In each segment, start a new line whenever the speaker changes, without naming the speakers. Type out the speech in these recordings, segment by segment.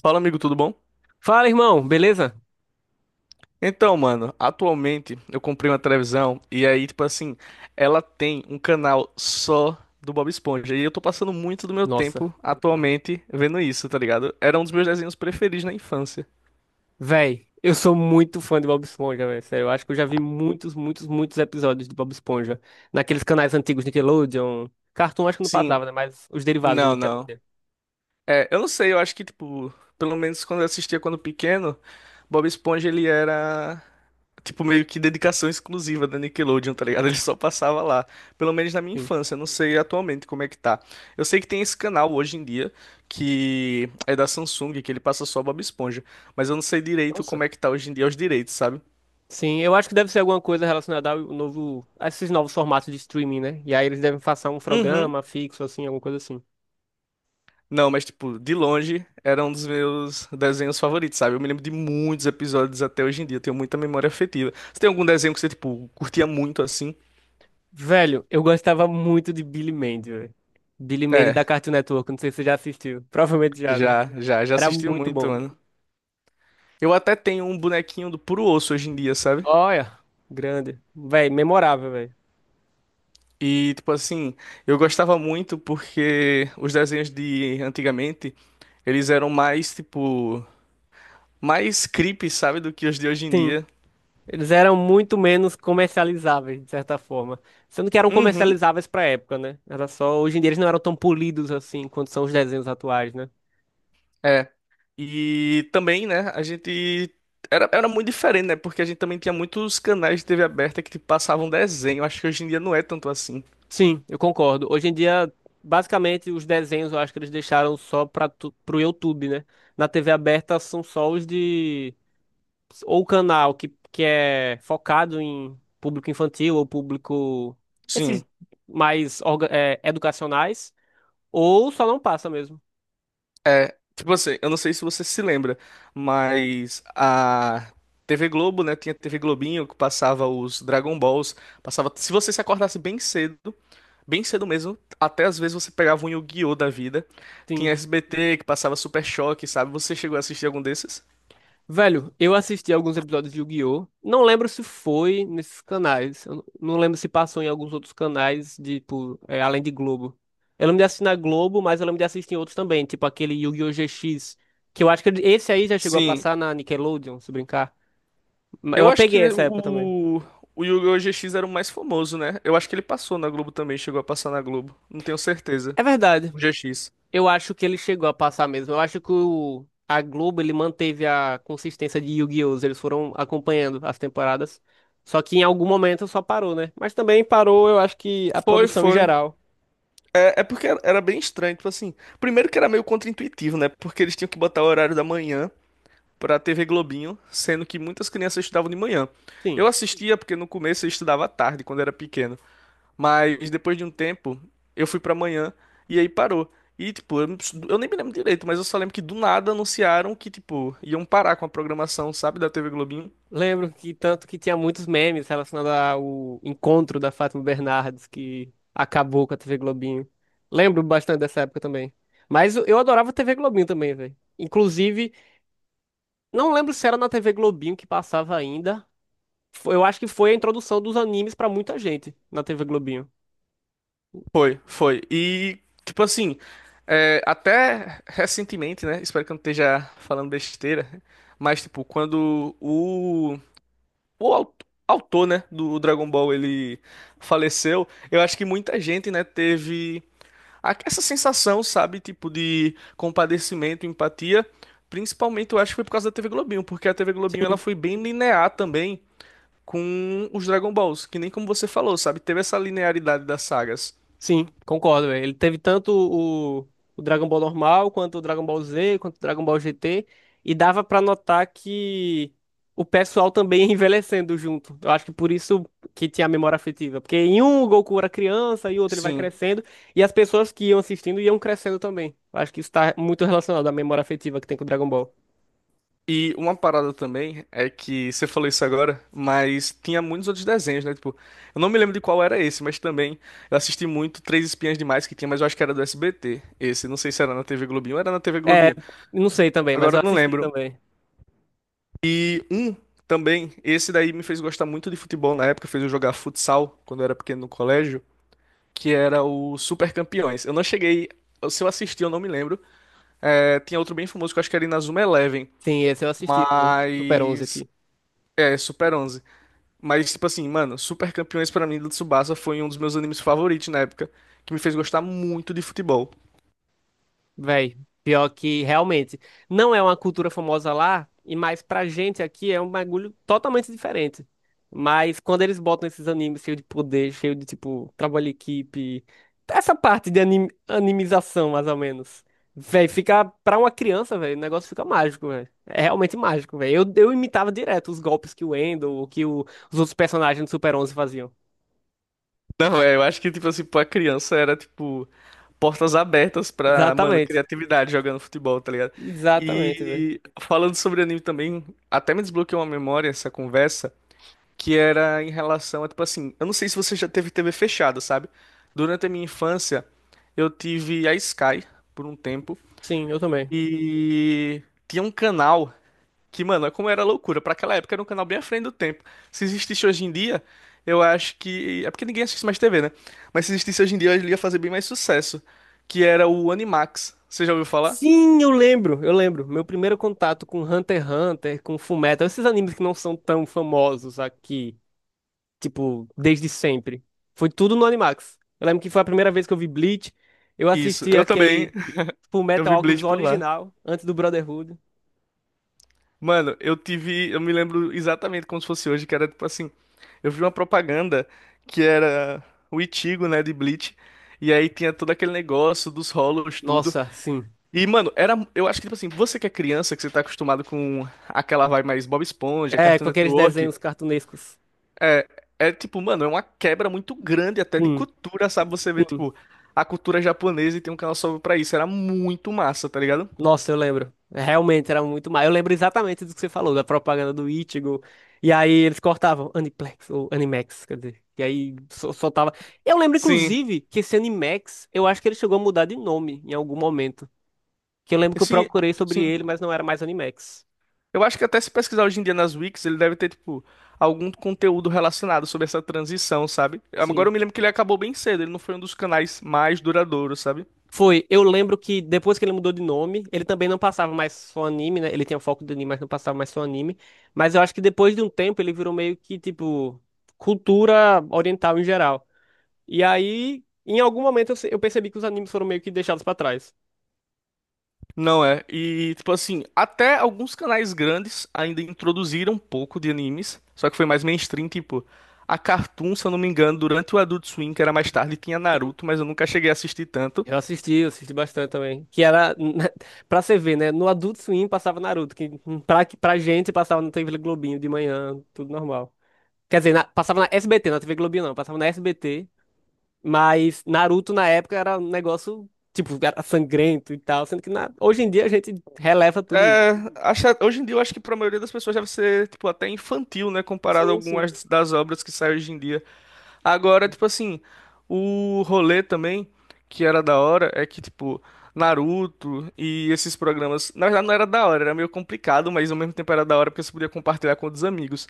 Fala, amigo, tudo bom?
Fala, irmão, beleza?
Então, mano, atualmente eu comprei uma televisão e aí, tipo assim, ela tem um canal só do Bob Esponja e eu tô passando muito do meu tempo
Nossa,
atualmente vendo isso, tá ligado? Era um dos meus desenhos preferidos na infância.
véi, eu sou muito fã de Bob Esponja, velho. Sério, eu acho que eu já vi muitos, muitos, muitos episódios de Bob Esponja. Naqueles canais antigos Nickelodeon. Cartoon acho que não
Sim,
passava, né? Mas os derivados do
não, não.
Nickelodeon.
É, eu não sei, eu acho que, tipo, pelo menos quando eu assistia quando pequeno, Bob Esponja ele era, tipo, meio que dedicação exclusiva da Nickelodeon, tá ligado? Ele só passava lá, pelo menos na minha
Sim.
infância, eu não sei atualmente como é que tá. Eu sei que tem esse canal hoje em dia, que é da Samsung, que ele passa só Bob Esponja, mas eu não sei direito
Nossa.
como é que tá hoje em dia os direitos, sabe?
Sim, eu acho que deve ser alguma coisa relacionada ao novo, a esses novos formatos de streaming, né? E aí eles devem passar um
Uhum.
programa fixo, assim, alguma coisa assim.
Não, mas tipo, de longe era um dos meus desenhos favoritos, sabe? Eu me lembro de muitos episódios até hoje em dia, eu tenho muita memória afetiva. Você tem algum desenho que você, tipo, curtia muito assim?
Velho, eu gostava muito de Billy Mandy, velho. Billy Mandy da
É,
Cartoon Network, não sei se você já assistiu. Provavelmente já, né?
já, já, já
Era
assisti
muito
muito,
bom.
mano. Eu até tenho um bonequinho do puro osso hoje em dia, sabe?
Olha, grande. Véi, memorável, véi.
E, tipo assim, eu gostava muito porque os desenhos de antigamente, eles eram mais, tipo, mais creepy, sabe, do que os de hoje em
Sim,
dia.
eles eram muito menos comercializáveis, de certa forma. Sendo que eram
Uhum.
comercializáveis pra época, né? Era só. Hoje em dia eles não eram tão polidos assim quanto são os desenhos atuais, né?
É. E também, né, a gente era muito diferente, né? Porque a gente também tinha muitos canais de TV aberta que tipo, passavam desenho. Acho que hoje em dia não é tanto assim.
Sim, eu concordo. Hoje em dia, basicamente, os desenhos eu acho que eles deixaram só para pro YouTube, né? Na TV aberta são só os de. Ou canal que é focado em público infantil ou público.
Sim,
Esses mais educacionais. Ou só não passa mesmo.
é. Tipo assim, eu não sei se você se lembra, mas a TV Globo, né, tinha TV Globinho que passava os Dragon Balls, passava, se você se acordasse bem cedo mesmo, até às vezes você pegava um Yu-Gi-Oh da vida. Tinha
Sim.
SBT que passava Super Choque, sabe? Você chegou a assistir algum desses?
Velho, eu assisti alguns episódios de Yu-Gi-Oh! Não lembro se foi nesses canais. Eu não lembro se passou em alguns outros canais, de, tipo, além de Globo. Eu lembro de assistir na Globo, mas eu lembro de assistir em outros também, tipo aquele Yu-Gi-Oh! GX, que eu acho que esse aí já chegou a
Sim.
passar na Nickelodeon, se brincar. Mas
Eu
eu
acho que
peguei essa época também.
o Yu-Gi-Oh! GX era o mais famoso, né? Eu acho que ele passou na Globo também, chegou a passar na Globo. Não tenho certeza.
É verdade.
O GX.
Eu acho que ele chegou a passar mesmo. Eu acho que a Globo ele manteve a consistência de Yu-Gi-Oh! Eles foram acompanhando as temporadas. Só que em algum momento só parou, né? Mas também parou, eu acho que a
Foi,
produção em
foi.
geral.
É porque era bem estranho, tipo assim. Primeiro que era meio contraintuitivo, né? Porque eles tinham que botar o horário da manhã pra TV Globinho, sendo que muitas crianças estudavam de manhã.
Sim.
Eu assistia porque no começo eu estudava à tarde, quando era pequeno.
Sim.
Mas depois de um tempo, eu fui pra manhã e aí parou. E, tipo, eu nem me lembro direito, mas eu só lembro que do nada anunciaram que, tipo, iam parar com a programação, sabe, da TV Globinho.
Lembro que tanto que tinha muitos memes relacionados ao encontro da Fátima Bernardes, que acabou com a TV Globinho. Lembro bastante dessa época também. Mas eu adorava a TV Globinho também, velho. Inclusive, não lembro se era na TV Globinho que passava ainda. Eu acho que foi a introdução dos animes pra muita gente na TV Globinho.
Foi, foi. E, tipo assim, é, até recentemente, né? Espero que eu não esteja falando besteira, mas, tipo, quando o autor, né, do Dragon Ball ele faleceu, eu acho que muita gente, né, teve essa sensação, sabe, tipo de compadecimento, empatia, principalmente eu acho que foi por causa da TV Globinho, porque a TV Globinho ela foi bem linear também com os Dragon Balls, que nem como você falou, sabe, teve essa linearidade das sagas.
Sim, concordo, velho. Ele teve tanto o Dragon Ball normal, quanto o Dragon Ball Z, quanto o Dragon Ball GT. E dava pra notar que o pessoal também ia envelhecendo junto. Eu acho que por isso que tinha a memória afetiva. Porque em um o Goku era criança, e o outro ele vai
Sim.
crescendo. E as pessoas que iam assistindo iam crescendo também. Eu acho que isso tá muito relacionado à memória afetiva que tem com o Dragon Ball.
E uma parada também é que você falou isso agora, mas tinha muitos outros desenhos, né? Tipo, eu não me lembro de qual era esse, mas também eu assisti muito Três Espiãs Demais que tinha, mas eu acho que era do SBT. Esse, não sei se era na TV Globinho, ou era na TV
É,
Globinho.
não sei também, mas
Agora
eu
eu não
assisti
lembro.
também.
Um também, esse daí me fez gostar muito de futebol na época, fez eu jogar futsal quando eu era pequeno no colégio, que era o Super Campeões. Eu não cheguei, se eu assisti eu não me lembro. É, tinha outro bem famoso que eu acho que era Inazuma Eleven,
Sim, esse eu assisti, o Super 11
mas
aqui.
é Super 11. Mas tipo assim, mano, Super Campeões pra mim do Tsubasa foi um dos meus animes favoritos na época, que me fez gostar muito de futebol.
Véi, pior que realmente não é uma cultura famosa lá, e mais pra gente aqui é um bagulho totalmente diferente. Mas quando eles botam esses animes cheio de poder, cheio de tipo trabalho em equipe, essa parte de animização, mais ou menos. Véi, fica pra uma criança, véi, o negócio fica mágico, véi. É realmente mágico, véi. Eu imitava direto os golpes que o Endo, os outros personagens do Super 11 faziam.
Não, é, eu acho que, tipo assim, pra criança era, tipo, portas abertas pra, mano,
Exatamente.
criatividade jogando futebol, tá ligado?
Exatamente, velho.
E falando sobre anime também, até me desbloqueou uma memória essa conversa, que era em relação a, tipo assim, eu não sei se você já teve TV fechada, sabe? Durante a minha infância, eu tive a Sky por um tempo
Sim, eu também.
e tinha um canal que, mano, é como era loucura. Pra aquela época era um canal bem à frente do tempo. Se existisse hoje em dia, eu acho que. É porque ninguém assiste mais TV, né? Mas se existisse hoje em dia, ele ia fazer bem mais sucesso. Que era o Animax. Você já ouviu falar?
Sim, eu lembro, eu lembro. Meu primeiro contato com Hunter x Hunter, com Fullmetal, esses animes que não são tão famosos aqui, tipo, desde sempre. Foi tudo no Animax. Eu lembro que foi a primeira vez que eu vi Bleach. Eu
Isso,
assisti
eu também.
aquele
Eu
Fullmetal
vi
Alchemist
Bleach por lá.
original, antes do Brotherhood.
Mano, eu tive. Eu me lembro exatamente como se fosse hoje, que era tipo assim. Eu vi uma propaganda que era o Ichigo, né, de Bleach. E aí tinha todo aquele negócio dos rolos, tudo.
Nossa, sim.
E, mano, era. Eu acho que, tipo assim, você que é criança, que você tá acostumado com aquela vibe mais Bob Esponja,
É,
Cartoon
com aqueles
Network,
desenhos cartunescos.
é, é tipo, mano, é uma quebra muito grande até de
Sim,
cultura, sabe? Você vê,
sim.
tipo, a cultura japonesa e tem um canal só pra isso. Era muito massa, tá ligado?
Nossa, eu lembro. Realmente era muito mal. Eu lembro exatamente do que você falou, da propaganda do Ichigo. E aí eles cortavam Aniplex ou Animax, quer dizer. E aí soltava. Eu lembro,
Sim.
inclusive, que esse Animax, eu acho que ele chegou a mudar de nome em algum momento. Que eu lembro que eu
Sim,
procurei sobre
sim.
ele, mas não era mais Animax.
Eu acho que até se pesquisar hoje em dia nas wikis, ele deve ter, tipo, algum conteúdo relacionado sobre essa transição, sabe? Agora
Sim.
eu me lembro que ele acabou bem cedo, ele não foi um dos canais mais duradouros, sabe?
Foi. Eu lembro que depois que ele mudou de nome, ele também não passava mais só anime, né? Ele tinha foco do anime, mas não passava mais só anime. Mas eu acho que depois de um tempo ele virou meio que, tipo, cultura oriental em geral. E aí, em algum momento, eu, se- eu percebi que os animes foram meio que deixados pra trás.
Não é. E, tipo assim, até alguns canais grandes ainda introduziram um pouco de animes, só que foi mais mainstream, tipo, a Cartoon, se eu não me engano, durante o Adult Swim, que era mais tarde, tinha Naruto, mas eu nunca cheguei a assistir tanto.
Eu assisti bastante também. Que era, pra você ver, né? No Adult Swim passava Naruto, que pra gente passava na TV Globinho de manhã, tudo normal. Quer dizer, passava na SBT, na TV Globinho não, passava na SBT. Mas Naruto na época era um negócio, tipo, era sangrento e tal. Sendo que hoje em dia a gente releva tudo isso.
É, hoje em dia eu acho que pra maioria das pessoas deve ser, tipo, até infantil, né, comparado a
Sim, sim.
algumas das obras que saem hoje em dia. Agora, tipo assim, o rolê também, que era da hora, é que, tipo, Naruto e esses programas. Na verdade, não era da hora, era meio complicado, mas ao mesmo tempo era da hora porque você podia compartilhar com outros amigos.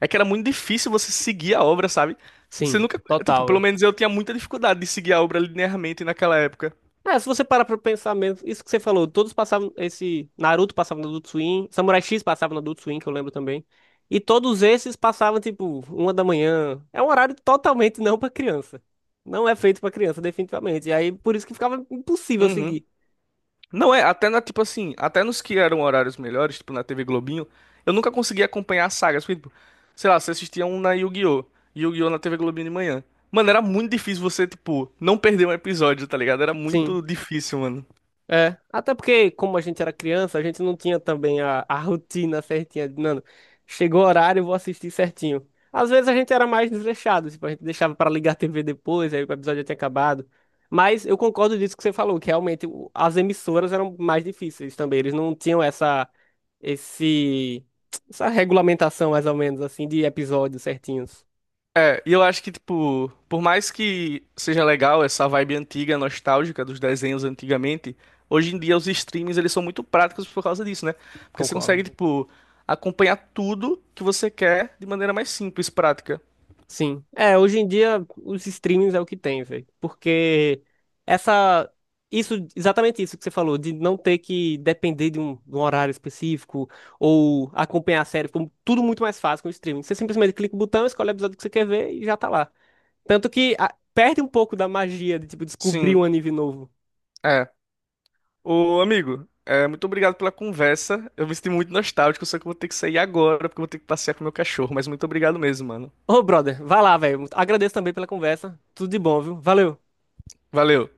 É que era muito difícil você seguir a obra, sabe? Você
Sim,
nunca. Tipo,
total,
pelo
é.
menos eu tinha muita dificuldade de seguir a obra linearmente naquela época.
É, se você parar pra pensar mesmo, isso que você falou, todos passavam, esse Naruto passava no Adult Swim, Samurai X passava no Adult Swim, que eu lembro também. E todos esses passavam, tipo, uma da manhã. É um horário totalmente não pra criança. Não é feito pra criança, definitivamente. E aí, por isso que ficava impossível
Uhum.
seguir.
Não é, até na, tipo assim, até nos que eram horários melhores, tipo na TV Globinho, eu nunca conseguia acompanhar as sagas, porque, tipo, sei lá, você assistia um na Yu-Gi-Oh! Yu-Gi-Oh! Na TV Globinho de manhã. Mano, era muito difícil você, tipo, não perder um episódio, tá ligado? Era
Sim.
muito difícil, mano.
É, até porque, como a gente era criança, a gente não tinha também a rotina certinha Mano, chegou o horário, eu vou assistir certinho. Às vezes a gente era mais desleixado, tipo, a gente deixava pra ligar a TV depois, aí o episódio já tinha acabado. Mas eu concordo disso que você falou, que realmente as emissoras eram mais difíceis também. Eles não tinham esse, essa regulamentação, mais ou menos, assim, de episódios certinhos.
É, e eu acho que, tipo, por mais que seja legal essa vibe antiga, nostálgica dos desenhos antigamente, hoje em dia os streams, eles são muito práticos por causa disso, né? Porque você
Concordo.
consegue, tipo, acompanhar tudo que você quer de maneira mais simples, prática.
Sim. É, hoje em dia os streamings é o que tem, velho. Porque essa isso exatamente isso que você falou, de não ter que depender de um horário específico ou acompanhar a série, ficou tudo muito mais fácil com o streaming. Você simplesmente clica o botão, escolhe o episódio que você quer ver e já tá lá. Tanto que perde um pouco da magia de tipo descobrir um
Sim,
anime novo.
é. Ô, amigo, é, muito obrigado pela conversa. Eu me senti muito nostálgico, só que eu vou ter que sair agora, porque eu vou ter que passear com meu cachorro. Mas muito obrigado mesmo, mano.
Ô, brother, vai lá, velho. Agradeço também pela conversa. Tudo de bom, viu? Valeu.
Valeu.